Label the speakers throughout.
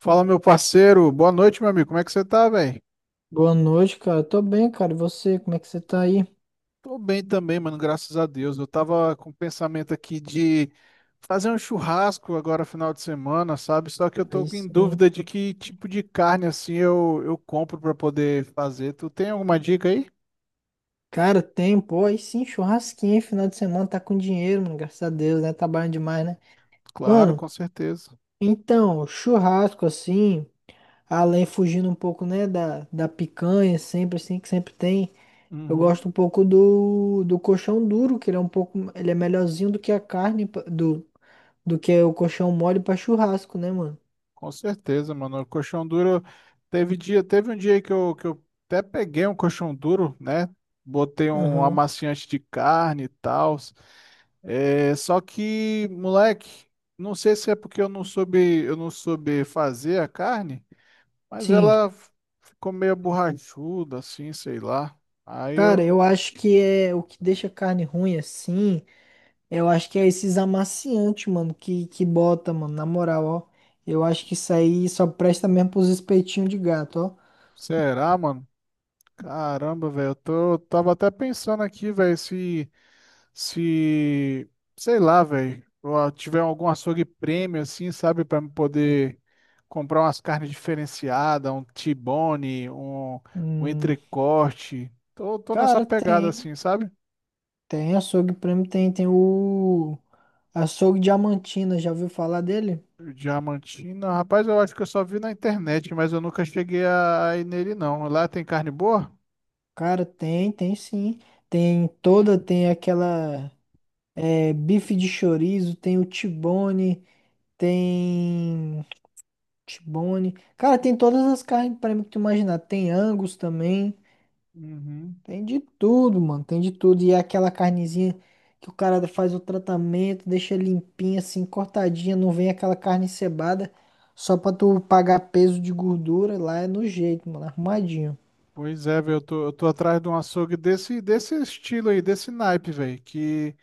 Speaker 1: Fala, meu parceiro. Boa noite, meu amigo. Como é que você tá, velho?
Speaker 2: Boa noite, cara. Tô bem, cara. E você, como é que você tá aí?
Speaker 1: Tô bem também, mano, graças a Deus. Eu tava com o pensamento aqui de fazer um churrasco agora, final de semana, sabe? Só que eu tô
Speaker 2: Aí
Speaker 1: em
Speaker 2: sim.
Speaker 1: dúvida de que tipo de carne, assim, eu compro pra poder fazer. Tu tem alguma dica aí?
Speaker 2: Cara, tem, pô, aí sim, churrasquinho, hein? Final de semana, tá com dinheiro, mano, graças a Deus, né? Trabalhando demais, né?
Speaker 1: Claro,
Speaker 2: Mano,
Speaker 1: com certeza.
Speaker 2: então, churrasco, assim, além fugindo um pouco, né, da picanha, sempre assim, que sempre tem, eu
Speaker 1: Uhum,
Speaker 2: gosto um pouco do colchão duro, que ele é um pouco, ele é melhorzinho do que a carne, do, do que o colchão mole pra churrasco, né, mano?
Speaker 1: com certeza, mano. O colchão duro teve dia, teve um dia que eu até peguei um colchão duro, né? Botei um
Speaker 2: Aham.
Speaker 1: amaciante de carne e tal. É, só que, moleque, não sei se é porque eu não soube fazer a carne, mas
Speaker 2: Sim.
Speaker 1: ficou meio borrachuda, assim, sei lá. Aí
Speaker 2: Cara, eu
Speaker 1: eu,
Speaker 2: acho que é o que deixa a carne ruim assim, eu acho que é esses amaciantes, mano, que bota, mano, na moral, ó. Eu acho que isso aí só presta mesmo pros espetinhos de gato, ó.
Speaker 1: será, mano? Caramba, velho, tava até pensando aqui, velho, se, sei lá, velho, eu tiver algum açougue prêmio, assim, sabe, pra me poder comprar umas carnes diferenciadas, um T-bone, um
Speaker 2: Hum,
Speaker 1: entrecorte. Tô nessa
Speaker 2: Cara,
Speaker 1: pegada,
Speaker 2: tem,
Speaker 1: assim, sabe?
Speaker 2: tem açougue prêmio, tem, tem o açougue Diamantina, já ouviu falar dele?
Speaker 1: Diamantina, rapaz, eu acho que eu só vi na internet, mas eu nunca cheguei a ir nele, não. Lá tem carne boa?
Speaker 2: Cara, tem sim. Tem aquela bife de chorizo, tem T-bone. Cara, tem todas as carnes para mim que tu imaginar. Tem Angus também.
Speaker 1: Uhum.
Speaker 2: Tem de tudo, mano. Tem de tudo. E é aquela carnezinha que o cara faz o tratamento, deixa limpinha, assim, cortadinha. Não vem aquela carne encebada só pra tu pagar peso de gordura. Lá é no jeito, mano. Arrumadinho.
Speaker 1: Pois é, velho, eu tô atrás de um açougue desse, desse estilo aí, desse naipe, velho, que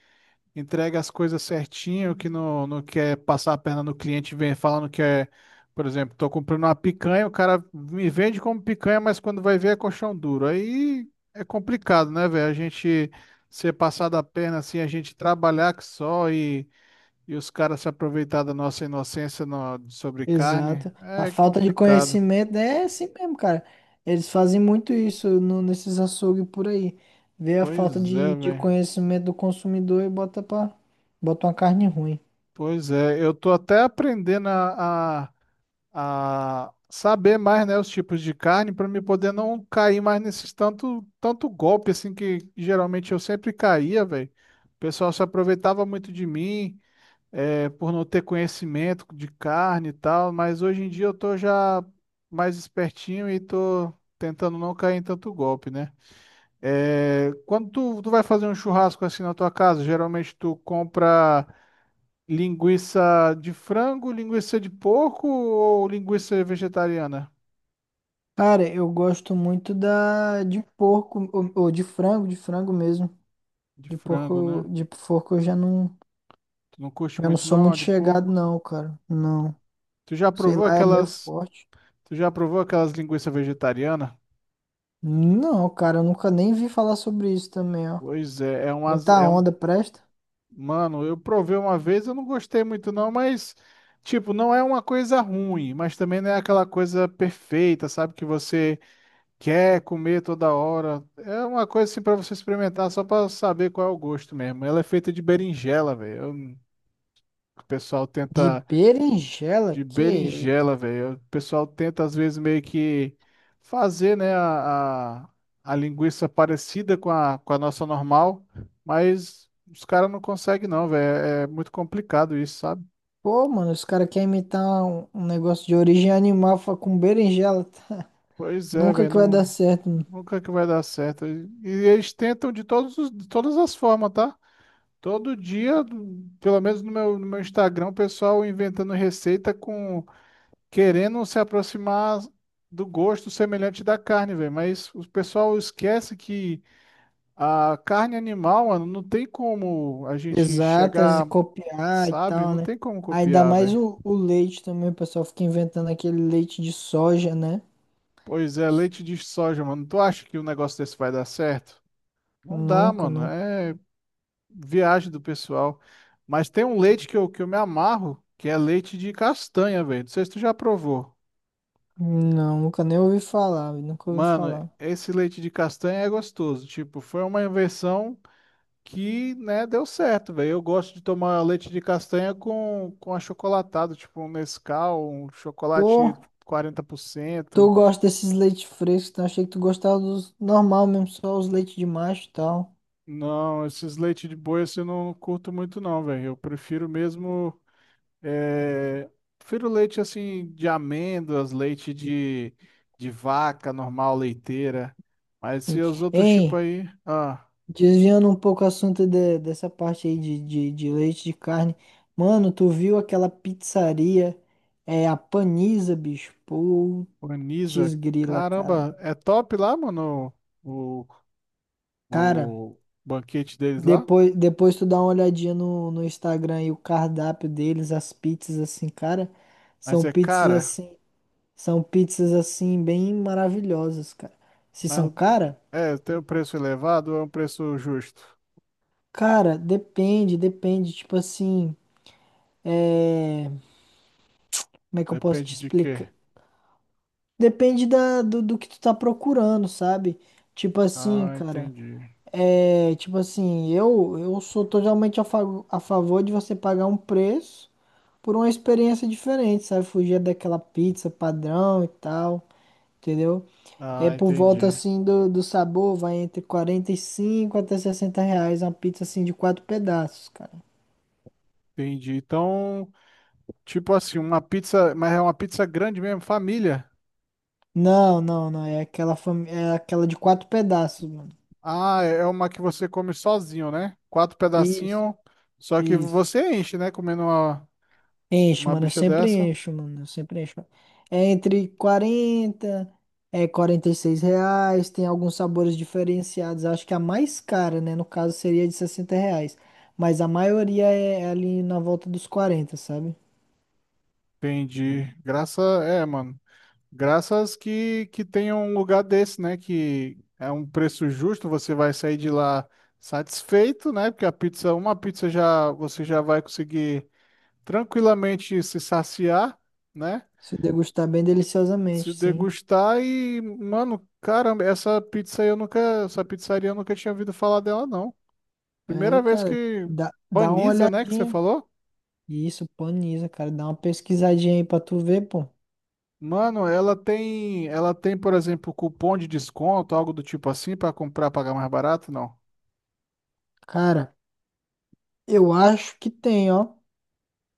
Speaker 1: entrega as coisas certinho, que não quer passar a perna no cliente, vem falando que é, por exemplo, tô comprando uma picanha, o cara me vende como picanha, mas quando vai ver é colchão duro. Aí é complicado, né, velho? A gente ser passado a perna assim, a gente trabalhar que só e os caras se aproveitar da nossa inocência sobre carne
Speaker 2: Exato. A
Speaker 1: é
Speaker 2: falta de
Speaker 1: complicado.
Speaker 2: conhecimento é assim mesmo, cara. Eles fazem muito isso nesses açougues por aí. Vê a falta
Speaker 1: Pois é,
Speaker 2: de
Speaker 1: velho.
Speaker 2: conhecimento do consumidor e bota uma carne ruim.
Speaker 1: Pois é. Eu tô até aprendendo a saber mais, né, os tipos de carne para me poder não cair mais nesses tanto golpe assim que geralmente eu sempre caía, velho. O pessoal se aproveitava muito de mim, é, por não ter conhecimento de carne e tal, mas hoje em dia eu tô já mais espertinho e tô tentando não cair em tanto golpe, né? É, quando tu vai fazer um churrasco assim na tua casa, geralmente tu compra linguiça de frango, linguiça de porco ou linguiça vegetariana?
Speaker 2: Cara, eu gosto muito da de porco ou de frango mesmo.
Speaker 1: De
Speaker 2: De
Speaker 1: frango,
Speaker 2: porco,
Speaker 1: né?
Speaker 2: de porco eu já não,
Speaker 1: Tu não curte
Speaker 2: eu não
Speaker 1: muito
Speaker 2: sou
Speaker 1: não, a
Speaker 2: muito
Speaker 1: de
Speaker 2: chegado
Speaker 1: porco.
Speaker 2: não, cara. Não.
Speaker 1: Tu já
Speaker 2: Sei
Speaker 1: provou
Speaker 2: lá, é meio
Speaker 1: aquelas,
Speaker 2: forte.
Speaker 1: tu já provou aquelas linguiças vegetarianas?
Speaker 2: Não, cara, eu nunca nem vi falar sobre isso também, ó.
Speaker 1: Pois é, é umas,
Speaker 2: Muita
Speaker 1: é um,
Speaker 2: onda, presta.
Speaker 1: mano, eu provei uma vez, eu não gostei muito não, mas tipo, não é uma coisa ruim, mas também não é aquela coisa perfeita, sabe? Que você quer comer toda hora. É uma coisa assim para você experimentar só para saber qual é o gosto mesmo. Ela é feita de berinjela, velho. O pessoal
Speaker 2: De
Speaker 1: tenta
Speaker 2: berinjela,
Speaker 1: de
Speaker 2: que isso?
Speaker 1: berinjela, velho. O pessoal tenta às vezes meio que fazer, né, a linguiça parecida com a nossa normal, mas os caras não conseguem não, velho. É muito complicado isso, sabe?
Speaker 2: Pô, mano, os caras querem imitar um negócio de origem animal com berinjela.
Speaker 1: Pois é,
Speaker 2: Nunca
Speaker 1: velho,
Speaker 2: que vai dar
Speaker 1: não,
Speaker 2: certo,
Speaker 1: nunca que vai dar certo. E eles tentam de todos, de todas as formas, tá? Todo dia, pelo menos no meu Instagram, o pessoal inventando receita com querendo se aproximar do gosto semelhante da carne, velho. Mas o pessoal esquece que a carne animal, mano, não tem como a gente
Speaker 2: exatas e
Speaker 1: chegar,
Speaker 2: copiar e
Speaker 1: sabe?
Speaker 2: tal,
Speaker 1: Não
Speaker 2: né?
Speaker 1: tem como
Speaker 2: Ainda
Speaker 1: copiar,
Speaker 2: mais
Speaker 1: velho.
Speaker 2: o leite também, o pessoal fica inventando aquele leite de soja, né?
Speaker 1: Pois é, leite de soja, mano. Tu acha que um negócio desse vai dar certo? Não dá,
Speaker 2: Nunca,
Speaker 1: mano.
Speaker 2: nunca.
Speaker 1: É viagem do pessoal. Mas tem um leite que eu me amarro, que é leite de castanha, velho. Não sei se tu já provou.
Speaker 2: Não, nunca nem ouvi falar, nunca ouvi
Speaker 1: Mano,
Speaker 2: falar.
Speaker 1: esse leite de castanha é gostoso. Tipo, foi uma invenção que, né, deu certo, velho. Eu gosto de tomar leite de castanha com achocolatado, tipo um Nescau, um
Speaker 2: Pô,
Speaker 1: chocolate 40%.
Speaker 2: tu gosta desses leites frescos, então achei que tu gostava dos normal mesmo, só os leites de macho e tal.
Speaker 1: Não, esses leite de boi assim, eu não curto muito não, velho. Eu prefiro mesmo, é, prefiro leite assim de amêndoas, leite de vaca normal, leiteira. Mas
Speaker 2: Sim.
Speaker 1: se os outros
Speaker 2: Hein,
Speaker 1: tipos aí, ah.
Speaker 2: desviando um pouco o assunto dessa parte aí de leite de carne. Mano, tu viu aquela pizzaria, a Paniza, bicho? Pô,
Speaker 1: Organiza.
Speaker 2: Desgrila, cara.
Speaker 1: Caramba, é top lá, mano, o,
Speaker 2: Cara,
Speaker 1: o banquete deles lá.
Speaker 2: depois tu dá uma olhadinha no Instagram e o cardápio deles, as pizzas assim, cara,
Speaker 1: Mas
Speaker 2: são
Speaker 1: é
Speaker 2: pizzas
Speaker 1: cara,
Speaker 2: assim, são pizzas assim bem maravilhosas, cara. Se são
Speaker 1: mas
Speaker 2: cara?
Speaker 1: é, tem um preço elevado ou é um preço justo?
Speaker 2: Cara, depende, tipo assim, é, como é que eu posso te
Speaker 1: Depende de quê?
Speaker 2: explicar? Depende do que tu tá procurando, sabe? Tipo assim,
Speaker 1: Ah,
Speaker 2: cara,
Speaker 1: entendi.
Speaker 2: tipo assim, eu sou totalmente a favor de você pagar um preço por uma experiência diferente, sabe? Fugir daquela pizza padrão e tal, entendeu? É
Speaker 1: Ah,
Speaker 2: por volta
Speaker 1: entendi.
Speaker 2: assim do sabor, vai entre 45 até R$ 60 uma pizza assim de quatro pedaços, cara.
Speaker 1: Entendi. Então, tipo assim, uma pizza, mas é uma pizza grande mesmo, família.
Speaker 2: Não, não, não, é aquela de quatro pedaços, mano.
Speaker 1: Ah, é é uma que você come sozinho, né? Quatro
Speaker 2: Isso,
Speaker 1: pedacinhos, só que
Speaker 2: isso.
Speaker 1: você enche, né? Comendo
Speaker 2: Enche,
Speaker 1: uma
Speaker 2: mano, eu
Speaker 1: bicha
Speaker 2: sempre
Speaker 1: dessa.
Speaker 2: encho, mano, eu sempre encho. É entre 40 é R$ 46, tem alguns sabores diferenciados. Acho que a mais cara, né, no caso seria de R$ 60, mas a maioria é ali na volta dos 40, sabe?
Speaker 1: Entendi. Graça é, mano. Graças que tenha um lugar desse, né? Que é um preço justo, você vai sair de lá satisfeito, né? Porque a pizza, uma pizza já você já vai conseguir tranquilamente se saciar, né?
Speaker 2: Se degustar bem
Speaker 1: Se
Speaker 2: deliciosamente, sim.
Speaker 1: degustar e, mano, caramba, essa pizza aí eu nunca, essa pizzaria eu nunca tinha ouvido falar dela, não.
Speaker 2: É,
Speaker 1: Primeira vez
Speaker 2: cara,
Speaker 1: que
Speaker 2: dá uma
Speaker 1: Paniza, né, que você
Speaker 2: olhadinha.
Speaker 1: falou?
Speaker 2: Isso, Paniza, cara, dá uma pesquisadinha aí pra tu ver, pô.
Speaker 1: Mano, ela tem, por exemplo, cupom de desconto, algo do tipo assim, para comprar, pagar mais barato? Não.
Speaker 2: Cara, eu acho que tem, ó.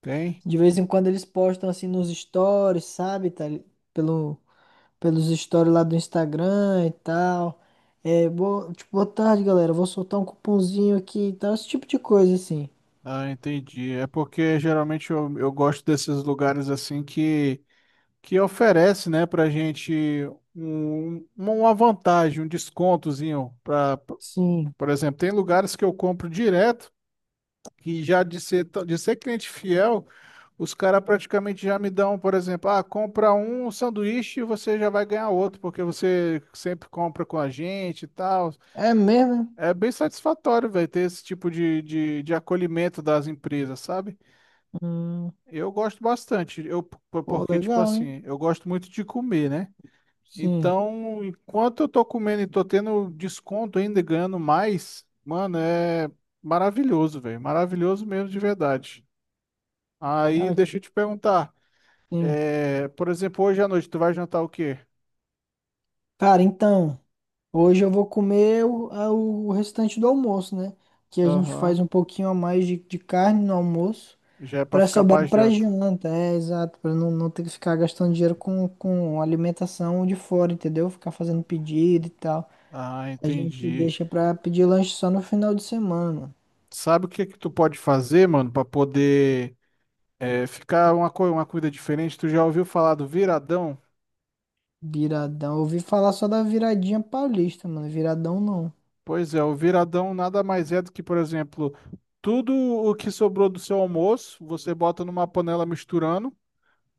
Speaker 1: Tem.
Speaker 2: De vez em quando eles postam assim nos stories, sabe? Tá, pelo, pelos stories lá do Instagram e tal. É, tipo, boa tarde, galera. Vou soltar um cupomzinho aqui e tal. Esse tipo de coisa, assim.
Speaker 1: Ah, entendi. É porque geralmente eu gosto desses lugares assim que oferece, né, pra gente um, uma vantagem, um descontozinho. Pra,
Speaker 2: Sim.
Speaker 1: por exemplo, tem lugares que eu compro direto e já de ser, de ser cliente fiel, os caras praticamente já me dão, por exemplo, ah, compra um sanduíche e você já vai ganhar outro, porque você sempre compra com a gente e tal.
Speaker 2: É mesmo? Né?
Speaker 1: É bem satisfatório, velho, ter esse tipo de acolhimento das empresas, sabe?
Speaker 2: Hum,
Speaker 1: Eu gosto bastante,
Speaker 2: Pô,
Speaker 1: porque, tipo
Speaker 2: legal, hein?
Speaker 1: assim, eu gosto muito de comer, né?
Speaker 2: Sim.
Speaker 1: Então, enquanto eu tô comendo e tô tendo desconto ainda, e ganhando mais, mano, é maravilhoso, velho. Maravilhoso mesmo de verdade. Aí,
Speaker 2: Cara,
Speaker 1: deixa eu te perguntar,
Speaker 2: sim.
Speaker 1: é, por exemplo, hoje à noite, tu vai jantar o quê?
Speaker 2: Cara, então, hoje eu vou comer o restante do almoço, né? Que a gente
Speaker 1: Aham,
Speaker 2: faz um pouquinho a mais de carne no almoço.
Speaker 1: já é pra
Speaker 2: Pra
Speaker 1: ficar pra
Speaker 2: sobrar pra
Speaker 1: janta.
Speaker 2: janta, é exato, pra não ter que ficar gastando dinheiro com alimentação de fora, entendeu? Ficar fazendo pedido e tal.
Speaker 1: Ah,
Speaker 2: A gente
Speaker 1: entendi.
Speaker 2: deixa pra pedir lanche só no final de semana, mano.
Speaker 1: Sabe o que que tu pode fazer, mano, pra poder é, ficar uma, uma comida diferente? Tu já ouviu falar do viradão?
Speaker 2: Viradão. Eu ouvi falar só da viradinha paulista, mano. Viradão não.
Speaker 1: Pois é, o viradão nada mais é do que, por exemplo, tudo o que sobrou do seu almoço, você bota numa panela misturando,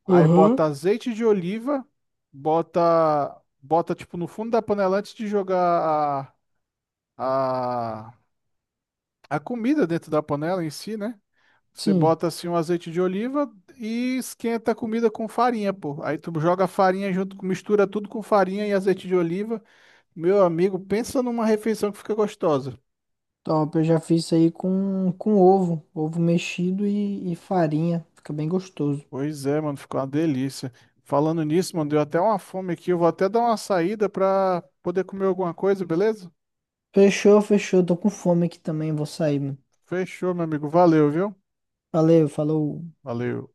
Speaker 1: aí bota
Speaker 2: Uhum.
Speaker 1: azeite de oliva, bota tipo no fundo da panela antes de jogar a, a, a comida dentro da panela em si, né? Você
Speaker 2: Sim,
Speaker 1: bota assim um azeite de oliva e esquenta a comida com farinha, pô. Aí tu joga a farinha junto, mistura tudo com farinha e azeite de oliva. Meu amigo, pensa numa refeição que fica gostosa.
Speaker 2: top. Eu já fiz isso aí com ovo, ovo mexido e farinha. Fica bem gostoso.
Speaker 1: Pois é, mano, ficou uma delícia. Falando nisso, mano, deu até uma fome aqui. Eu vou até dar uma saída pra poder comer alguma coisa, beleza?
Speaker 2: Fechou, fechou. Tô com fome aqui também, vou sair, mano.
Speaker 1: Fechou, meu amigo. Valeu, viu?
Speaker 2: Valeu, falou.
Speaker 1: Valeu.